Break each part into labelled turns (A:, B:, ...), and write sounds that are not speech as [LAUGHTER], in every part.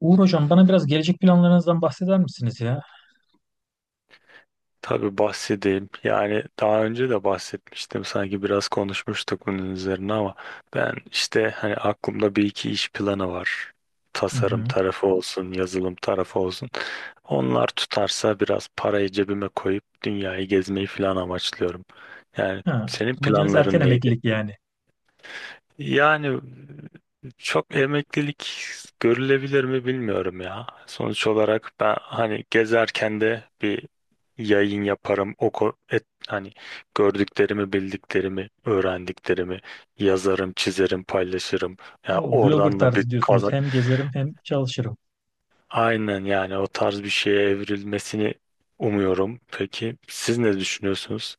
A: Uğur hocam bana biraz gelecek planlarınızdan bahseder misiniz ya?
B: Tabii bahsedeyim. Yani daha önce de bahsetmiştim. Sanki biraz konuşmuştuk bunun üzerine ama ben işte hani aklımda bir iki iş planı var.
A: Hı
B: Tasarım
A: hı.
B: tarafı olsun, yazılım tarafı olsun. Onlar tutarsa biraz parayı cebime koyup dünyayı gezmeyi falan amaçlıyorum. Yani
A: Ha,
B: senin
A: amacınız erken
B: planların neydi?
A: emeklilik yani.
B: Yani çok emeklilik görülebilir mi bilmiyorum ya. Sonuç olarak ben hani gezerken de bir yayın yaparım. Hani gördüklerimi, bildiklerimi, öğrendiklerimi yazarım, çizerim, paylaşırım. Ya
A: O blogger
B: oradan da bir
A: tarzı diyorsunuz.
B: kazan.
A: Hem gezerim hem çalışırım.
B: Aynen yani o tarz bir şeye evrilmesini umuyorum. Peki siz ne düşünüyorsunuz?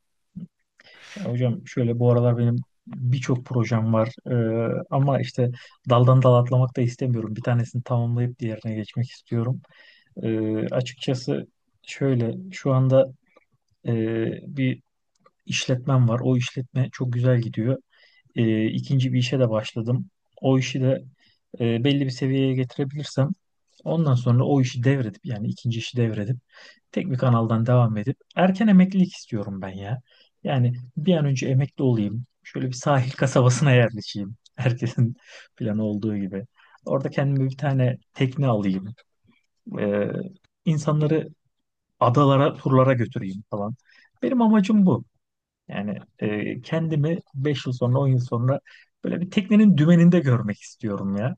A: Ya hocam şöyle bu aralar benim birçok projem var. Ama işte daldan dala atlamak da istemiyorum. Bir tanesini tamamlayıp diğerine geçmek istiyorum. Açıkçası şöyle şu anda e, bir işletmem var. O işletme çok güzel gidiyor. İkinci bir işe de başladım. O işi de belli bir seviyeye getirebilirsem ondan sonra o işi devredip yani ikinci işi devredip tek bir kanaldan devam edip erken emeklilik istiyorum ben ya. Yani bir an önce emekli olayım. Şöyle bir sahil [LAUGHS] kasabasına yerleşeyim. Herkesin planı olduğu gibi. Orada kendime bir tane tekne alayım. Ee, insanları adalara, turlara götüreyim falan. Benim amacım bu. Yani kendimi 5 yıl sonra, 10 yıl sonra böyle bir teknenin dümeninde görmek istiyorum ya.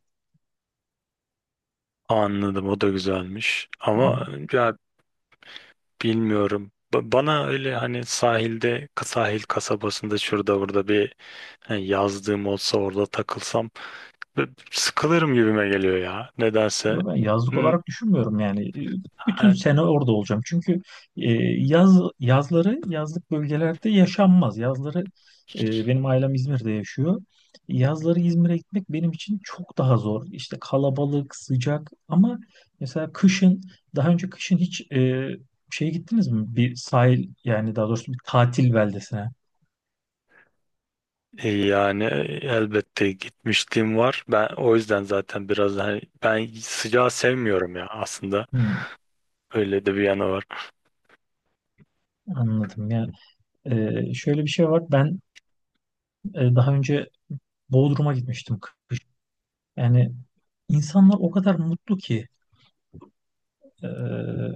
B: Anladım, o da güzelmiş. Ama ya bilmiyorum. Bana öyle hani sahilde, sahil kasabasında şurada burada bir hani yazdığım olsa orada takılsam sıkılırım gibime geliyor ya. Nedense.
A: Yo, ben yazlık
B: Hmm,
A: olarak düşünmüyorum yani. Bütün
B: hani-
A: sene orada olacağım. Çünkü yaz yazları yazlık bölgelerde yaşanmaz. Yazları benim ailem İzmir'de yaşıyor. Yazları İzmir'e gitmek benim için çok daha zor. İşte kalabalık, sıcak ama mesela kışın daha önce kışın hiç şeye gittiniz mi? Bir sahil yani daha doğrusu bir tatil beldesine.
B: yani elbette gitmişliğim var. Ben o yüzden zaten biraz hani ben sıcağı sevmiyorum ya aslında.
A: Hmm,
B: Öyle de bir yanı var.
A: anladım. Yani şöyle bir şey var. Ben daha önce Bodrum'a gitmiştim kışın. Yani insanlar o kadar mutlu ki e,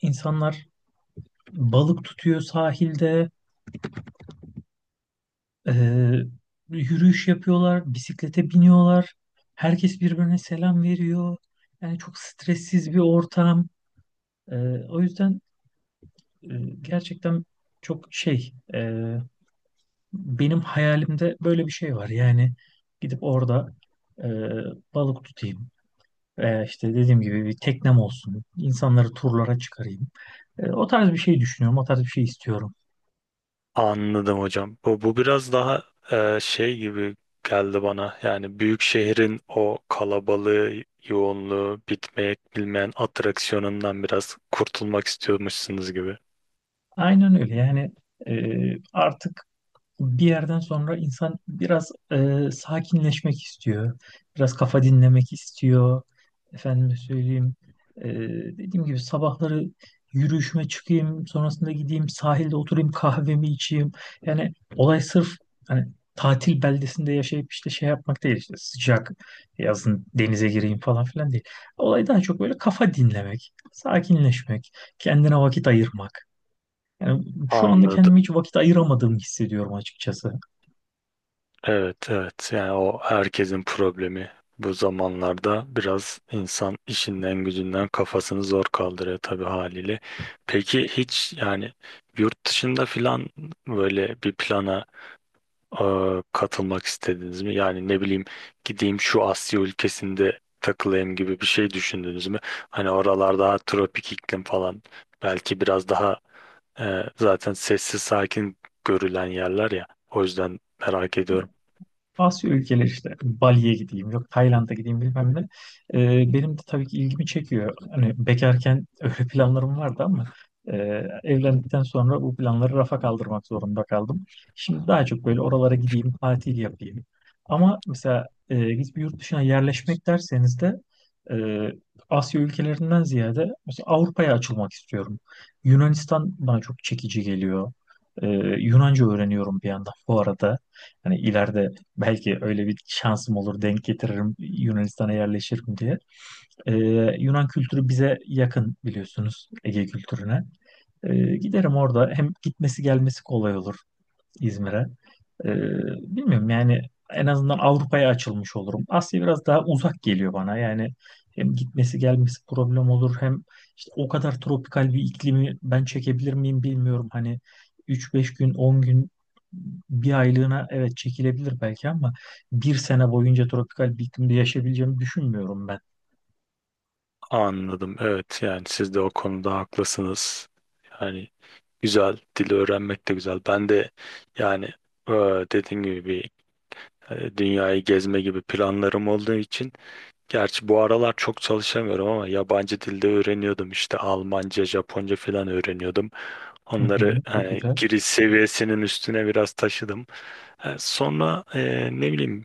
A: insanlar balık tutuyor sahilde, e, yürüyüş yapıyorlar, bisiklete biniyorlar. Herkes birbirine selam veriyor. Yani çok stressiz bir ortam. E, o yüzden e, gerçekten çok şey benim hayalimde böyle bir şey var. Yani gidip orada e, balık tutayım. Veya işte dediğim gibi bir teknem olsun. İnsanları turlara çıkarayım. O tarz bir şey düşünüyorum. O tarz bir şey istiyorum.
B: Anladım hocam. Bu biraz daha şey gibi geldi bana. Yani büyük şehrin o kalabalığı, yoğunluğu, bitmek bilmeyen atraksiyonundan biraz kurtulmak istiyormuşsunuz gibi.
A: Aynen öyle. Yani e, artık bir yerden sonra insan biraz sakinleşmek istiyor. Biraz kafa dinlemek istiyor. Efendime söyleyeyim. e, dediğim gibi sabahları yürüyüşüme çıkayım, sonrasında gideyim sahilde oturayım kahvemi içeyim. Yani olay sırf hani tatil beldesinde yaşayıp işte şey yapmak değil, işte sıcak yazın denize gireyim falan filan değil. Olay daha çok böyle kafa dinlemek, sakinleşmek, kendine vakit ayırmak. Yani şu anda kendime
B: Anladım.
A: hiç vakit ayıramadığımı hissediyorum açıkçası.
B: Evet, evet. Yani o herkesin problemi. Bu zamanlarda biraz insan işinden gücünden kafasını zor kaldırıyor tabii haliyle. Peki hiç yani yurt dışında filan böyle bir plana e, katılmak istediniz mi? Yani ne bileyim, gideyim şu Asya ülkesinde takılayım gibi bir şey düşündünüz mü? Hani oralar daha tropik iklim falan belki biraz daha zaten sessiz sakin görülen yerler ya. O yüzden merak ediyorum.
A: Asya ülkeleri işte Bali'ye gideyim, yok Tayland'a gideyim, bilmem ne. Benim de tabii ki ilgimi çekiyor. Hani bekarken [LAUGHS] öyle planlarım vardı ama e, evlendikten sonra bu planları rafa kaldırmak zorunda kaldım. Şimdi daha çok böyle oralara gideyim, tatil yapayım. Ama mesela biz bir yurt dışına yerleşmek derseniz de e, Asya ülkelerinden ziyade mesela Avrupa'ya açılmak istiyorum. Yunanistan bana çok çekici geliyor. Ee, Yunanca öğreniyorum bir yandan bu arada. Hani ileride belki öyle bir şansım olur, denk getiririm, Yunanistan'a yerleşirim diye. Ee, Yunan kültürü bize yakın biliyorsunuz, Ege kültürüne. Giderim orada, hem gitmesi gelmesi kolay olur. İzmir'e. Ee, bilmiyorum yani en azından Avrupa'ya açılmış olurum. Asya biraz daha uzak geliyor bana. Yani hem gitmesi gelmesi problem olur, hem işte o kadar tropikal bir iklimi ben çekebilir miyim bilmiyorum. Hani 3-5 gün 10 gün bir aylığına evet çekilebilir belki, ama bir sene boyunca tropikal bir iklimde yaşayabileceğimi düşünmüyorum ben.
B: Anladım. Evet, yani siz de o konuda haklısınız. Yani güzel, dili öğrenmek de güzel. Ben de yani e, dediğim gibi bir dünyayı gezme gibi planlarım olduğu için, gerçi bu aralar çok çalışamıyorum ama yabancı dilde öğreniyordum işte Almanca, Japonca falan öğreniyordum.
A: Hı
B: Onları
A: hı, çok
B: hani
A: güzel.
B: giriş seviyesinin üstüne biraz taşıdım. Sonra ne bileyim,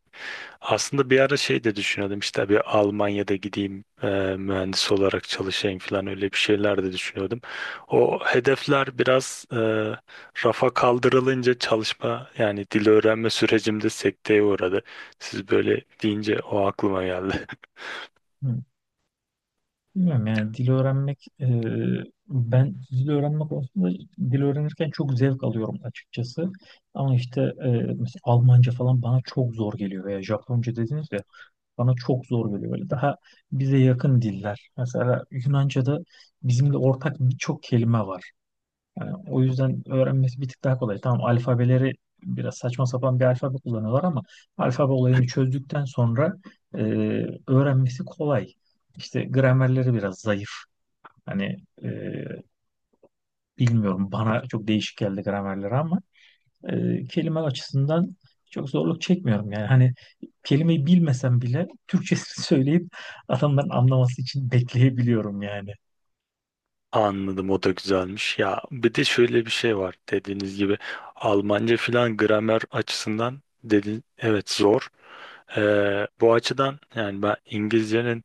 B: aslında bir ara şey de düşünüyordum işte bir Almanya'da gideyim, mühendis olarak çalışayım falan, öyle bir şeyler de düşünüyordum. O hedefler biraz rafa kaldırılınca çalışma yani dil öğrenme sürecimde sekteye uğradı. Siz böyle deyince o aklıma geldi.
A: Bilmiyorum yani dil öğrenmek ben dil öğrenme konusunda dil öğrenirken çok zevk alıyorum açıkçası. Ama işte mesela Almanca falan bana çok zor geliyor, veya Japonca dediniz ya bana çok zor geliyor. Böyle daha bize yakın diller. Mesela Yunanca'da bizimle ortak birçok kelime var. Yani o yüzden öğrenmesi bir tık daha kolay. Tamam alfabeleri biraz saçma sapan bir alfabe kullanıyorlar ama alfabe olayını çözdükten sonra e, öğrenmesi kolay. İşte gramerleri biraz zayıf. Hani e, bilmiyorum, bana çok değişik geldi gramerleri ama kelime açısından çok zorluk çekmiyorum. Yani hani kelimeyi bilmesem bile Türkçesini [LAUGHS] söyleyip adamların anlaması için bekleyebiliyorum yani.
B: Anladım, o da güzelmiş. Ya bir de şöyle bir şey var, dediğiniz gibi Almanca filan gramer açısından dedin, evet, zor. Bu açıdan yani ben İngilizcenin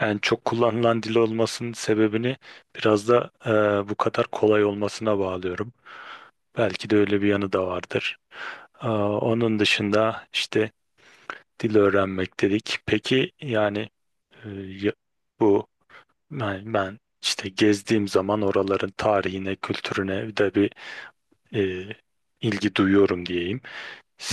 B: en çok kullanılan dil olmasının sebebini biraz da bu kadar kolay olmasına bağlıyorum. Belki de öyle bir yanı da vardır. Onun dışında işte dil öğrenmek dedik. Peki yani e, ya- bu ben işte gezdiğim zaman oraların tarihine, kültürüne de bir e, ilgi duyuyorum diyeyim.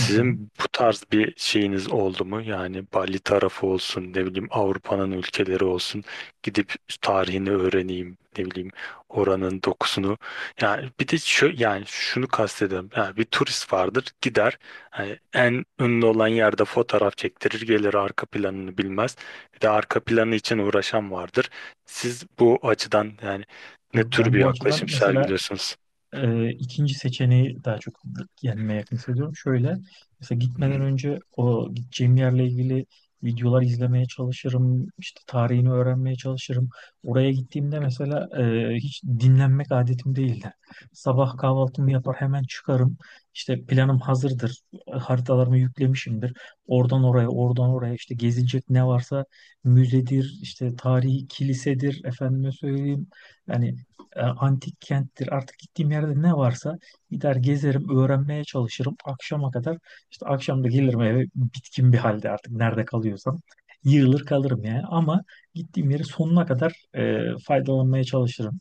A: Hı hı.
B: bu tarz bir şeyiniz oldu mu? Yani Bali tarafı olsun, ne bileyim Avrupa'nın ülkeleri olsun. Gidip tarihini öğreneyim, ne bileyim oranın dokusunu. Yani bir de şu, yani şunu kastediyorum. Yani bir turist vardır, gider. Yani en ünlü olan yerde fotoğraf çektirir, gelir, arka planını bilmez. Bir de arka planı için uğraşan vardır. Siz bu açıdan yani ne
A: Yok,
B: tür
A: ben
B: bir
A: bu açıdan
B: yaklaşım
A: mesela
B: sergiliyorsunuz?
A: ikinci seçeneği daha çok kendime yakın hissediyorum. Şöyle, mesela gitmeden önce o gideceğim yerle ilgili videolar izlemeye çalışırım, işte tarihini öğrenmeye çalışırım. Oraya gittiğimde mesela hiç dinlenmek adetim değildi. Sabah kahvaltımı yapar hemen çıkarım. İşte planım hazırdır, haritalarımı yüklemişimdir. Oradan oraya, oradan oraya işte gezilecek ne varsa müzedir, işte tarihi kilisedir, efendime söyleyeyim. Yani antik kenttir. Artık gittiğim yerde ne varsa gider gezerim, öğrenmeye çalışırım. Akşama kadar işte akşam da gelirim eve bitkin bir halde artık nerede kalıyorsam. Yığılır kalırım yani, ama gittiğim yeri sonuna kadar faydalanmaya çalışırım.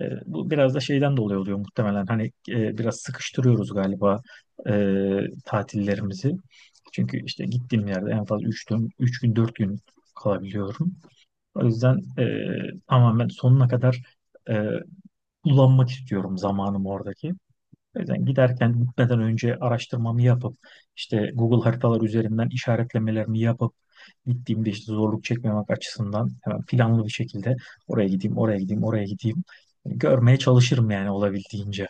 A: Bu biraz da şeyden dolayı oluyor muhtemelen. Hani biraz sıkıştırıyoruz galiba e, tatillerimizi. Çünkü işte gittiğim yerde en fazla 3 gün, 3 gün 4 gün kalabiliyorum. O yüzden tamamen sonuna kadar e, kullanmak istiyorum zamanımı oradaki. O yüzden giderken gitmeden önce araştırmamı yapıp işte Google haritalar üzerinden işaretlemelerimi yapıp gittiğimde işte zorluk çekmemek açısından hemen planlı bir şekilde oraya gideyim, oraya gideyim, oraya gideyim. Hani görmeye çalışırım yani olabildiğince.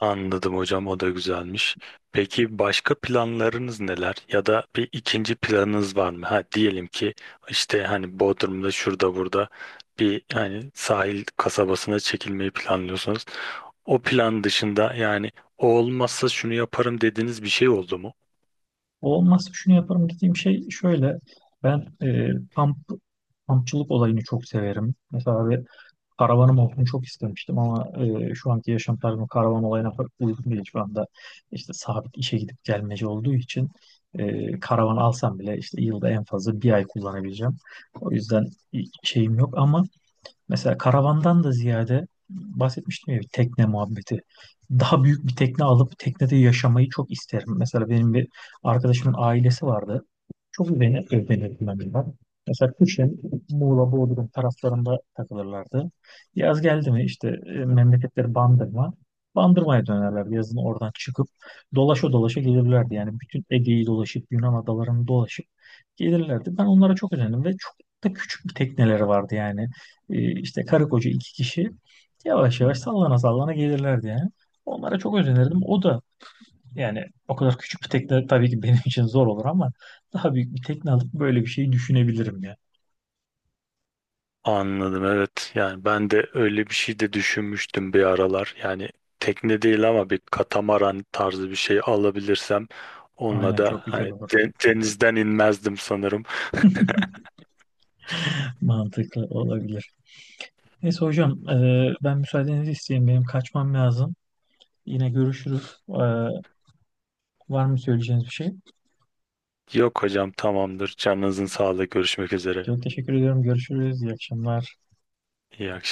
B: Anladım hocam, o da güzelmiş. Peki başka planlarınız neler, ya da bir ikinci planınız var mı? Ha, diyelim ki işte hani Bodrum'da şurada burada bir hani sahil kasabasına çekilmeyi planlıyorsunuz. O plan dışında yani o olmazsa şunu yaparım dediğiniz bir şey oldu mu?
A: Olmazsa şunu yaparım dediğim şey şöyle. Ben kamp kampçılık olayını çok severim. Mesela bir karavanım olsun çok istemiştim ama şu anki yaşam tarzım karavan olayına pek uygun değil şu anda. İşte sabit işe gidip gelmeci olduğu için karavan alsam bile işte yılda en fazla bir ay kullanabileceğim. O yüzden şeyim yok, ama mesela karavandan da ziyade bahsetmiştim ya bir tekne muhabbeti. Daha büyük bir tekne alıp teknede yaşamayı çok isterim. Mesela benim bir arkadaşımın ailesi vardı. Çok özenir, özenirdim ben bundan. Mesela kışın Muğla, Bodrum taraflarında takılırlardı. Yaz geldi mi işte memleketleri Bandırma. Bandırma'ya dönerlerdi yazın, oradan çıkıp dolaşa dolaşa gelirlerdi. Yani bütün Ege'yi dolaşıp Yunan adalarını dolaşıp gelirlerdi. Ben onlara çok özendim ve çok da küçük bir tekneleri vardı yani, işte karı koca 2 kişi yavaş yavaş sallana sallana gelirlerdi yani. Onlara çok özenirdim. O da, yani o kadar küçük bir tekne tabii ki benim [LAUGHS] için zor olur, ama daha büyük bir tekne alıp böyle bir şey düşünebilirim ya.
B: Anladım, evet. Yani ben de öyle bir şey de düşünmüştüm bir aralar. Yani tekne değil ama bir katamaran tarzı bir şey alabilirsem onunla
A: Aynen,
B: da
A: çok güzel
B: hani
A: olur.
B: denizden inmezdim sanırım.
A: [LAUGHS] Mantıklı olabilir. Neyse hocam, ben müsaadenizi isteyeyim. Benim kaçmam lazım. Yine görüşürüz. Var mı söyleyeceğiniz bir şey?
B: Yok hocam, tamamdır. Canınızın sağlığı. Görüşmek üzere.
A: Çok teşekkür ediyorum. Görüşürüz. İyi akşamlar.
B: İyi akşamlar.